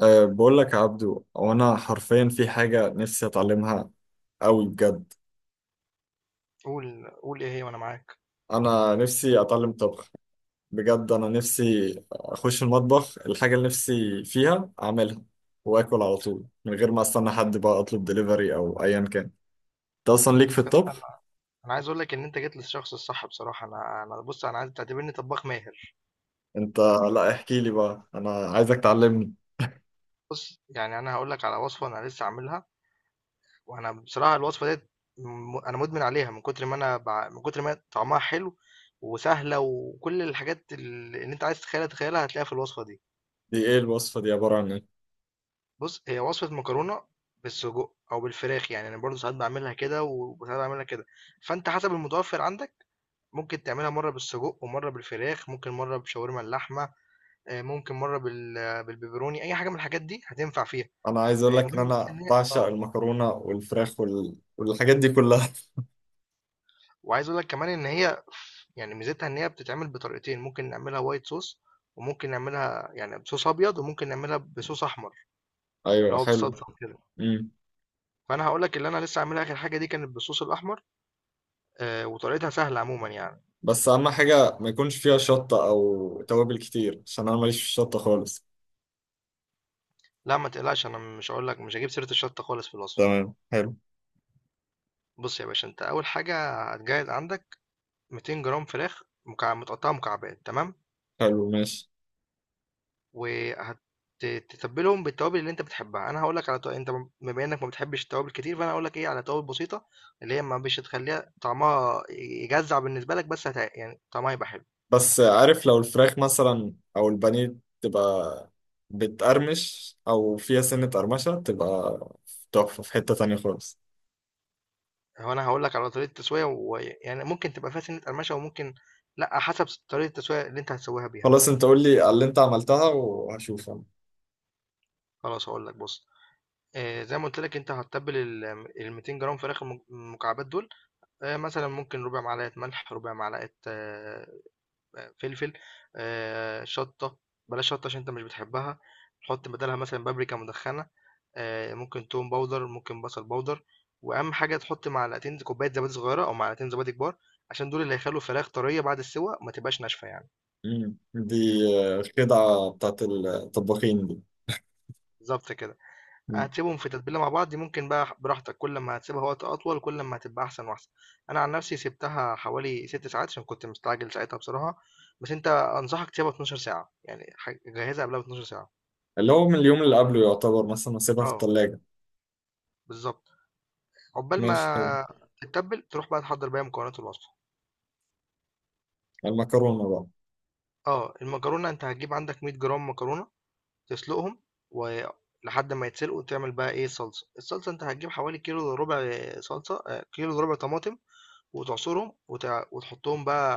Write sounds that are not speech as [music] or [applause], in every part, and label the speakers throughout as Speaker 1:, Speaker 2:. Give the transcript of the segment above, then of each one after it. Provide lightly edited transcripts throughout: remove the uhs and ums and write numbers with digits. Speaker 1: أه بقول لك يا عبدو، وانا حرفيا في حاجة نفسي اتعلمها قوي بجد.
Speaker 2: قول قول إيه هي وأنا معاك.
Speaker 1: انا نفسي اتعلم طبخ بجد. انا نفسي اخش المطبخ، الحاجة اللي نفسي فيها اعملها واكل على طول، من غير ما استنى حد بقى اطلب دليفري او ايا كان. انت اصلا ليك في
Speaker 2: يا اسطى
Speaker 1: الطبخ؟
Speaker 2: أنا عايز أقول لك إن أنت جيت للشخص الصح بصراحة. أنا أنا بُص، أنا عايزك تعتبرني طبّاخ ماهر.
Speaker 1: انت، لا احكي لي بقى، انا عايزك تعلمني.
Speaker 2: بُص، يعني أنا هاقول لك على وصفة أنا لسه عاملها. وأنا بصراحة الوصفة ديّة، أنا مُدمن عليها من كتر ما أنا باع، من كتر ما هي طعمها حلو وسهلة. وكل الحاجات اللي أنت عايز تتخيلها تتخيلها هتلاقيها في الوصفة دي.
Speaker 1: دي ايه الوصفة دي؟ عبارة عن ايه؟
Speaker 2: بُص، هي وصفة مكرونة بالسجق أو بالفراخ، يعني أنا برضه ساعات باعملها كده وساعات باعملها كده. فأنت حسب المتوفّر عندك ممكن تعملها مرّة بالسجق ومرّة بالفراخ، ممكن مرّة بشاورما اللحمة، ممكن مرّة بالبيبروني. أي حاجة من الحاجات دي هتنفع فيها.
Speaker 1: انا عايز اقول لك ان
Speaker 2: المهم بس
Speaker 1: انا
Speaker 2: إن هي،
Speaker 1: بعشق المكرونة والفراخ والحاجات دي كلها [laughs]
Speaker 2: وعايز أقول لك كمان إن هي يعني ميزتها إن هي بتتعمل بطريقتين. ممكن نعملها white sauce وممكن نعملها يعني بصوص أبيض، وممكن نعملها بصوص أحمر، اللي
Speaker 1: ايوه،
Speaker 2: هو
Speaker 1: حلو.
Speaker 2: بالصلصة وكده. فأنا هاقول لك اللي أنا لسه عاملها. آخر حاجة دي كانت بالصوص الأحمر. وطريقتها سهلة عمومًا يعني.
Speaker 1: بس اهم حاجه ما يكونش فيها شطه او توابل كتير، عشان انا ماليش في الشطه خالص.
Speaker 2: لأ، ما تقلقش. أنا مش هاقول لك، مش هاجيب سيرة الشطة خالص في الوصفة.
Speaker 1: تمام، حلو.
Speaker 2: بُص يا باشا، أنت أول حاجة هتجهز عندك 200 جرام فراخ، متقطعة مكعبات، تمام؟
Speaker 1: حلو، ماشي.
Speaker 2: وهتتبلهم بالتوابل اللي انت بتحبها. انا هقول لك على تو... انت م- بما انك ما بتحبش التوابل كتير، فانا هقول لك على توابل بسيطه اللي هي ما مش هتخليها طعمها يجزع بالنسبه لك، بس يعني طعمها يبقى حلو.
Speaker 1: بس عارف لو الفراخ مثلا او البانيه تبقى بتقرمش او فيها سنه قرمشه، تبقى تحفه في حته تانية خالص.
Speaker 2: هو انا هقول لك على طريقه التسويه، ويعني ممكن تبقى فيها سنه قرمشه وممكن لا، حسب طريقه التسويه اللي انت هتسويها بيها.
Speaker 1: خلاص، انت قول لي على اللي انت عملتها وهشوف انا.
Speaker 2: خلاص، هقول لك. بص، زي ما قلت لك، انت هتتبل ال 200 جرام فراخ المكعبات دول. مثلا ممكن ربع معلقه ملح، ربع معلقه فلفل، شطة. بلاش شطة عشان انت مش بتحبها. حط بدلها مثلا بابريكا مدخنة. ممكن توم باودر، ممكن بصل باودر. واهم حاجة تحط معلقتين كوباية زبادي صغيرة او معلقتين زبادي كبار، عشان دول اللي هيخلوا الفراخ طرية بعد السوى، ما تبقاش ناشفة يعني.
Speaker 1: دي خدعه بتاعت الطباخين دي.
Speaker 2: بالظبط كده.
Speaker 1: مم.
Speaker 2: هتسيبهم في تتبيلة مع بعض. ممكن بقى براحتك، كل ما هتسيبها وقت اطول كل ما هتبقى احسن واحسن. انا عن نفسي سبتها حوالي 6 ساعات عشان كنت مستعجل ساعتها بصراحة، بس انت انصحك تسيبها 12 ساعة، يعني جهزها قبلها ب 12 ساعة.
Speaker 1: اللي هو من اليوم اللي قبله، يعتبر مثلا اسيبها في
Speaker 2: اه،
Speaker 1: الثلاجه؟
Speaker 2: بالظبط. عقبال
Speaker 1: ماشي، حلو.
Speaker 2: ما تتبل تروح بقى تحضر بقى مكونات الوصفة.
Speaker 1: المكرونه بقى.
Speaker 2: اه، المكرونة. انت هتجيب عندك 100 جرام مكرونة، تسلقهم ولحد ما يتسلقوا تعمل بقى صلصة. الصلصة انت هتجيب حوالي كيلو الا ربع صلصة آه، كيلو الا ربع طماطم، وتعصرهم وتحطهم بقى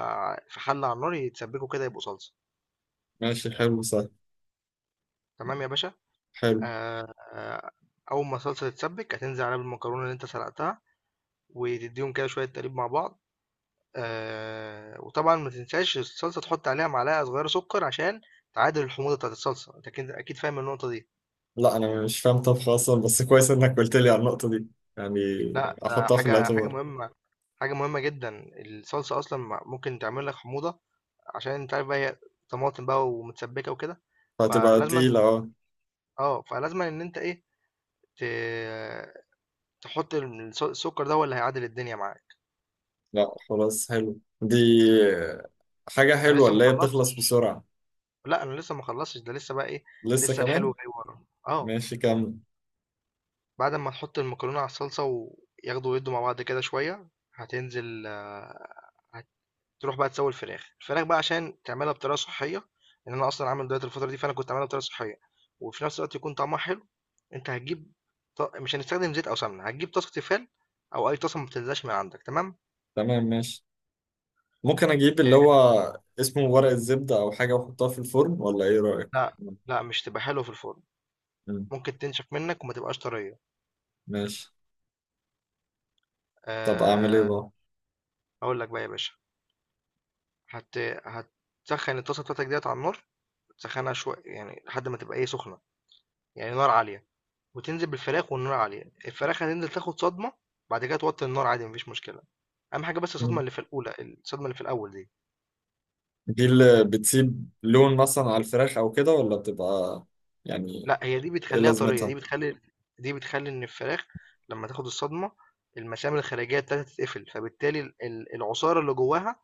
Speaker 2: في حلة على النار يتسبكوا كده يبقوا صلصة.
Speaker 1: ماشي، حلو، سهل.
Speaker 2: تمام يا باشا.
Speaker 1: حلو.
Speaker 2: آه آه، اول ما الصلصة تتسبك هتنزل عليها بالمكرونة اللي انت سلقتها، وتديهم كده شوية تقليب مع بعض. وطبعًا ما تنساش الصلصة تحُط عليها معلقة صغيرة سُكّر، عشان تعادل الحموضة بتاعة الصلصة، أنت أكيد أكيد فاهم النقطة دي.
Speaker 1: لا انا مش فاهم طبخ اصلا، بس كويس انك قلت لي على النقطه دي يعني،
Speaker 2: لأ، ده
Speaker 1: احطها في
Speaker 2: حاجة
Speaker 1: الاعتبار.
Speaker 2: مهمة، حاجة مهمة جدًا. الصلصة أصلًا ممكن تعمل لك حموضة، عشان أنت عارف بقى هي طماطم بقى ومتسبِّكة وكده.
Speaker 1: فهتبقى
Speaker 2: فلازمًا
Speaker 1: تقيله، اه.
Speaker 2: فلازمًا إن أنت، ت تحُط ال الس السُكّر ده هو اللي هيعادل الدنيا معاك.
Speaker 1: لا خلاص، حلو دي، حاجه
Speaker 2: أنا
Speaker 1: حلوه
Speaker 2: لسه ما
Speaker 1: اللي هي بتخلص
Speaker 2: خلّصتش.
Speaker 1: بسرعه.
Speaker 2: لأ، أنا لسه ما خلّصتش. ده لسه بقى،
Speaker 1: لسه
Speaker 2: لسه الحلو
Speaker 1: كمان؟
Speaker 2: جاي ورانا. آه.
Speaker 1: ماشي، كمل.
Speaker 2: بعد ما نحط المكرونة على الصلصة وياخدوا ويدوا مع بعض كده شوية. هتنزل آه، هتروح بقى تسوي الفراخ بقى، عشان تعملها بطريقة صحية. لأن أنا أصلا عامل دايت الفترة دي، فأنا كنت عاملها بطريقة صحية وفي نفس الوقت يكون طعمها حلو. أنت هتجيب، مش هنستخدم زيت أو سمنة. هتجيب طاسة تيفال أو أي طاسة ما بتنزلش من عندك، تمام.
Speaker 1: تمام، ماشي. ممكن اجيب اللي
Speaker 2: آه،
Speaker 1: هو اسمه ورق الزبده او حاجه، واحطها في الفرن، ولا ايه رايك؟
Speaker 2: لا، لا مش تبقى حلوة في الفرن،
Speaker 1: مم.
Speaker 2: ممكن تنشف منك وما تبقاش طرية.
Speaker 1: ماشي. طب اعمل ايه
Speaker 2: أه.
Speaker 1: بقى؟
Speaker 2: هقول لك بقى يا باشا. هت هتسخن الطاسة بتاعتك ديت على النار. تسخنها شوية، يعني لحد ما تبقى سخنة، يعني نار عالية، وتنزل بالفراخ. والنار عالية الفراخ هتنزل تاخد صدمة. بعد كده توطي النار عادي، مفيش مشكلة. أهم حاجة بس الصدمة
Speaker 1: مم.
Speaker 2: اللي في الأولى. الصدمة اللي في الأول دي،
Speaker 1: دي اللي بتسيب لون مثلا على الفراخ او كده، ولا بتبقى يعني،
Speaker 2: لا، هي دي
Speaker 1: ايه
Speaker 2: بتخليها طرية.
Speaker 1: لازمتها؟
Speaker 2: دي بتخلي إن الفراخ لما تاخد الصدمة، المسام الخارجية بتاعتها تتقفل، فبالتالي العصارة اللي جواها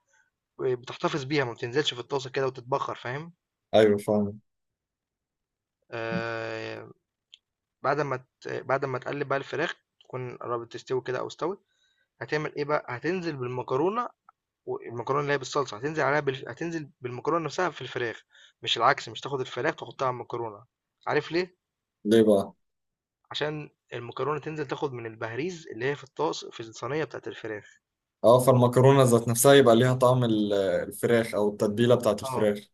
Speaker 2: بتحتفظ بيها، ما بتنزلش في الطاسة كده وتتبخر. فاهم؟
Speaker 1: ايوه، فاهم.
Speaker 2: آه بعد ما تقلب بقى الفراخ تكون قربت تستوي كده أو استوت، هتعمل إيه بقى. هتنزل بالمكرونة. والمكرونة اللي هي بالصلصة هتنزل بالمكرونة نفسها في الفراخ، مش العكس. مش تاخد الفراخ تحطها على المكرونة. عارف ليه؟
Speaker 1: ليه بقى؟
Speaker 2: عشان المكرونة تنزل تاخد من البهريز، اللي هي في الطاس، في الصينية بتاعت الفراخ.
Speaker 1: اه، فالمكرونة ذات نفسها يبقى ليها طعم الفراخ او التتبيلة بتاعت
Speaker 2: اه،
Speaker 1: الفراخ.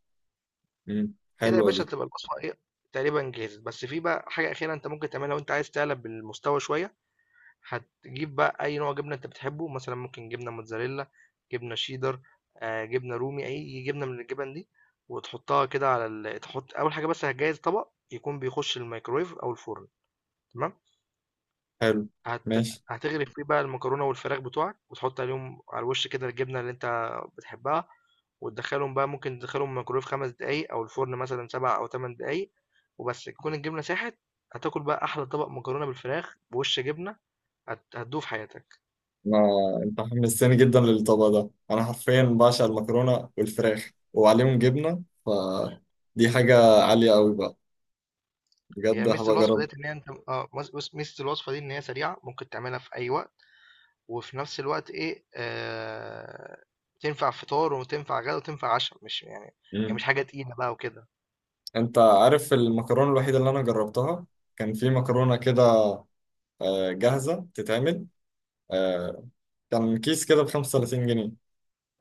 Speaker 1: امم،
Speaker 2: كده يا
Speaker 1: حلوة دي.
Speaker 2: باشا تبقى الوصفة تقريبا جاهزة، بس في بقى حاجة أخيرة أنت ممكن تعملها لو أنت عايز تعلى بالمستوى شوية. هتجيب بقى أي نوع جبنة أنت بتحبه، مثلًا ممكن جبنة موتزاريلا، جبنة شيدر، جبنة رومي، أي جبنة من الجبن دي، وتحطها كده على ال تحط أول حاجة، بس هتجهّز طبق يكون بيخش الميكروويف أو الفرن، تمام.
Speaker 1: حلو،
Speaker 2: هت
Speaker 1: ماشي.
Speaker 2: هتغرف فيه بقى المكرونة والفراخ بتوعك، وتحط عليهم على الوش كده الجبنة اللي أنت بتحبها، وتدخّلهم بقى، ممكن تدخّلهم الميكروويف 5 دقايق أو الفرن مثلًا 7 أو 8 دقايق، وبس تكون الجبنة ساحت. هتاكل بقى أحلى طبق مكرونة بالفراخ بوِش جبنة هتدوه في حياتك.
Speaker 1: ما انت حمستني جدا للطبق ده، انا حرفيا بعشق المكرونة والفراخ وعليهم جبنة، فدي حاجة عالية قوي بقى. بجد
Speaker 2: هي ميزة
Speaker 1: هبقى
Speaker 2: الوصفة
Speaker 1: اجرب.
Speaker 2: ديت إن هي بُص، ميزة الوصفة دي إن هي سريعة، ممكن تعملها في أي وقت، وفي نفس الوقت، إيه تنفع فطار وتنفع غدا وتنفع عشا. مش يعني مش
Speaker 1: امم.
Speaker 2: حاجة تقيلة بقى وكده.
Speaker 1: انت عارف المكرونة الوحيدة اللي انا جربتها؟ كان في مكرونة كده، جاهزة تتعمل، آه، كان كيس كده ب 35 جنيه،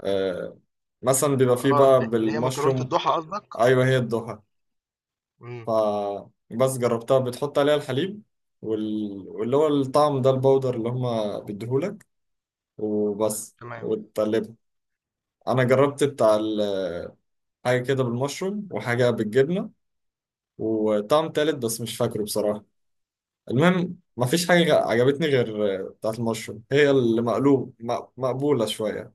Speaker 1: آه، مثلا بيبقى فيه
Speaker 2: آه، ال
Speaker 1: بقى
Speaker 2: اللي هي مكرونة
Speaker 1: بالمشروم.
Speaker 2: الضحى قصدك؟
Speaker 1: ايوه، هي الضحى.
Speaker 2: إمم،
Speaker 1: فبس جربتها، بتحط عليها الحليب واللي هو الطعم ده، البودر اللي هما بيديهولك، وبس،
Speaker 2: تمام.
Speaker 1: وتقلبها. انا جربت بتاع حاجه كده بالمشروم، وحاجه بالجبنه، وطعم تالت بس مش فاكره بصراحه. المهم مفيش حاجه عجبتني غير بتاعه المشروم، هي اللي مقلوب مقبوله شويه.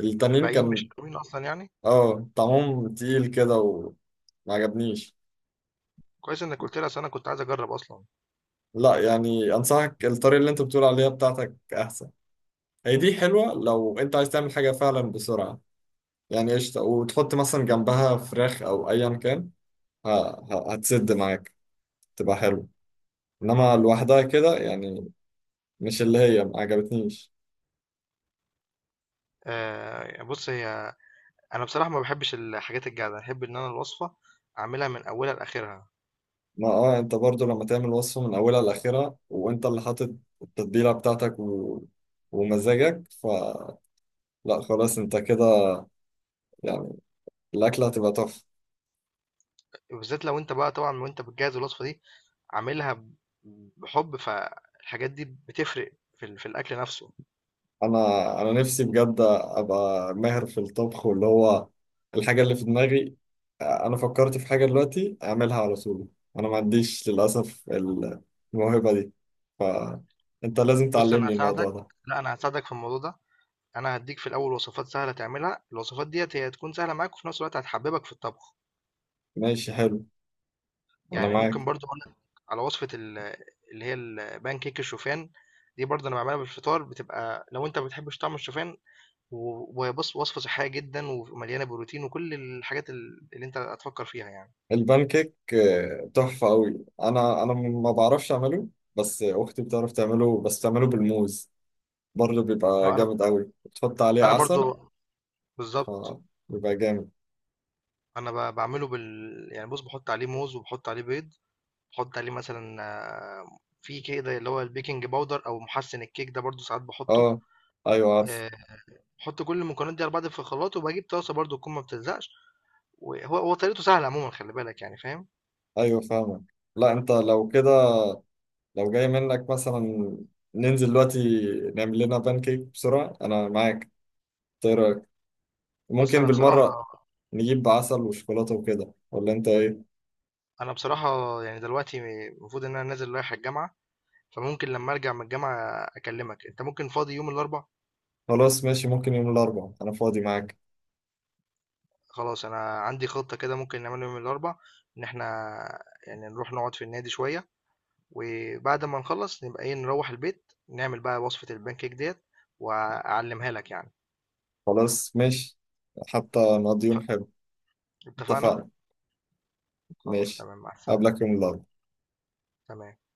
Speaker 1: التانيين
Speaker 2: الباقيين
Speaker 1: كان
Speaker 2: مش ناويين أصلًا يعني؟
Speaker 1: اه طعمهم تقيل كده، وما عجبنيش.
Speaker 2: كويس إنك قُلت لي، أصل أنا كنت عايز أجرّب أصلًا.
Speaker 1: لا يعني، انصحك الطريقه اللي انت بتقول عليها بتاعتك احسن. هي دي حلوة لو انت عايز تعمل حاجة فعلا بسرعة، يعني قشطة، وتحط مثلا جنبها فراخ او ايا كان، ه- هتسد معاك، تبقى حلوة.
Speaker 2: إمم.
Speaker 1: انما
Speaker 2: إمم.
Speaker 1: لوحدها كده يعني، مش اللي هي، ما عجبتنيش.
Speaker 2: بُص، أنا بصراحة ما باحبش الحاجات الجاهزة، أحب إن أنا الوصفة أعملها من أولها لآخرها.
Speaker 1: ما اه انت برضو لما تعمل وصفة من اولها لاخرها، وانت اللي حاطط التتبيلة بتاعتك ومزاجك، فلا، خلاص انت كده يعني، الاكلة هتبقى تحفة.
Speaker 2: وبالذات لو أنت بقى طبعًا وأنت بتجهّز الوصفة دي عاملها بحب، فالحاجات دي بتفرق في الاكل نفسه.
Speaker 1: انا نفسي بجد ابقى ماهر في الطبخ، واللي هو الحاجه اللي في دماغي. انا فكرت في حاجه دلوقتي اعملها على طول. انا ما عنديش للاسف الموهبه دي، فانت لازم
Speaker 2: بص، انا
Speaker 1: تعلمني الموضوع
Speaker 2: هساعدك.
Speaker 1: ده.
Speaker 2: لا، انا هساعدك في الموضوع ده. انا هديك في الاول وصفات سهله تعملها، الوصفات ديت هي هتكون سهله معاك وفي نفس الوقت هتحببك في الطبخ.
Speaker 1: ماشي، حلو. انا
Speaker 2: يعني
Speaker 1: معاك.
Speaker 2: ممكن برضو اقول لك على وصفه اللي هي البان كيك الشوفان. دي برضه انا بعملها بالفطار، بتبقى لو انت ما بتحبش طعم الشوفان. وبص، وصفه صحيه جدا ومليانه بروتين وكل الحاجات اللي انت هتفكر فيها يعني.
Speaker 1: البان كيك، تحفه قوي. انا ما بعرفش اعمله، بس اختي بتعرف تعمله، بس تعمله بالموز برضه، بيبقى
Speaker 2: اه، انا
Speaker 1: جامد قوي، بتحط عليه
Speaker 2: انا
Speaker 1: عسل،
Speaker 2: برضه بالظبط.
Speaker 1: فبيبقى جامد.
Speaker 2: أنا باعمله يعني، بُص، باحُط عليه موز وباحُط عليه بيض، باحُط عليه مثلًا في كده اللي هو الBaking powder أو مُحسِّن الكيك ده، برضه ساعات باحُطّه.
Speaker 1: اه، ايوه عارف.
Speaker 2: آآ باحُط كل المكونات دي على بعض في الخلاط، وباجيب طاسة برضه تكون ما بتلزقش. وهو طريقته سهلة عمومًا، خلّي بالك يعني فاهم.
Speaker 1: ايوه، فاهمك. لا انت لو كده، لو جاي منك مثلا، ننزل دلوقتي نعمل لنا بانكيك بسرعة، انا معاك. إنت ايه رأيك؟
Speaker 2: بُص،
Speaker 1: ممكن
Speaker 2: أنا
Speaker 1: بالمرة
Speaker 2: بصراحة
Speaker 1: نجيب عسل وشوكولاتة وكده، ولا انت ايه؟
Speaker 2: أنا بصراحة يعني دلوقتي المفروض إن أنا نازل رايح الجامعة، فممكن لمّا أرجع من الجامعة أكلّمك. أنت ممكن فاضي يوم الأربع؟
Speaker 1: خلاص، ماشي، ممكن يوم الاربعاء انا فاضي معاك.
Speaker 2: خلاص، أنا عندي خطة كده ممكن نعملها يوم الأربع. إن إحنا يعني نروح نقعد في النادي شوية، وبعد ما نخلص نبقى نروح البيت نعمل بقى وصفة البانكيك ديت، واعلمها لك يعني.
Speaker 1: خلاص، ماشي، حتى نقضي يوم حلو.
Speaker 2: اتفقنا.
Speaker 1: اتفقنا.
Speaker 2: خلاص
Speaker 1: ماشي،
Speaker 2: تمام، مع السلامة.
Speaker 1: قبلك يوم الاربعاء.
Speaker 2: تمام.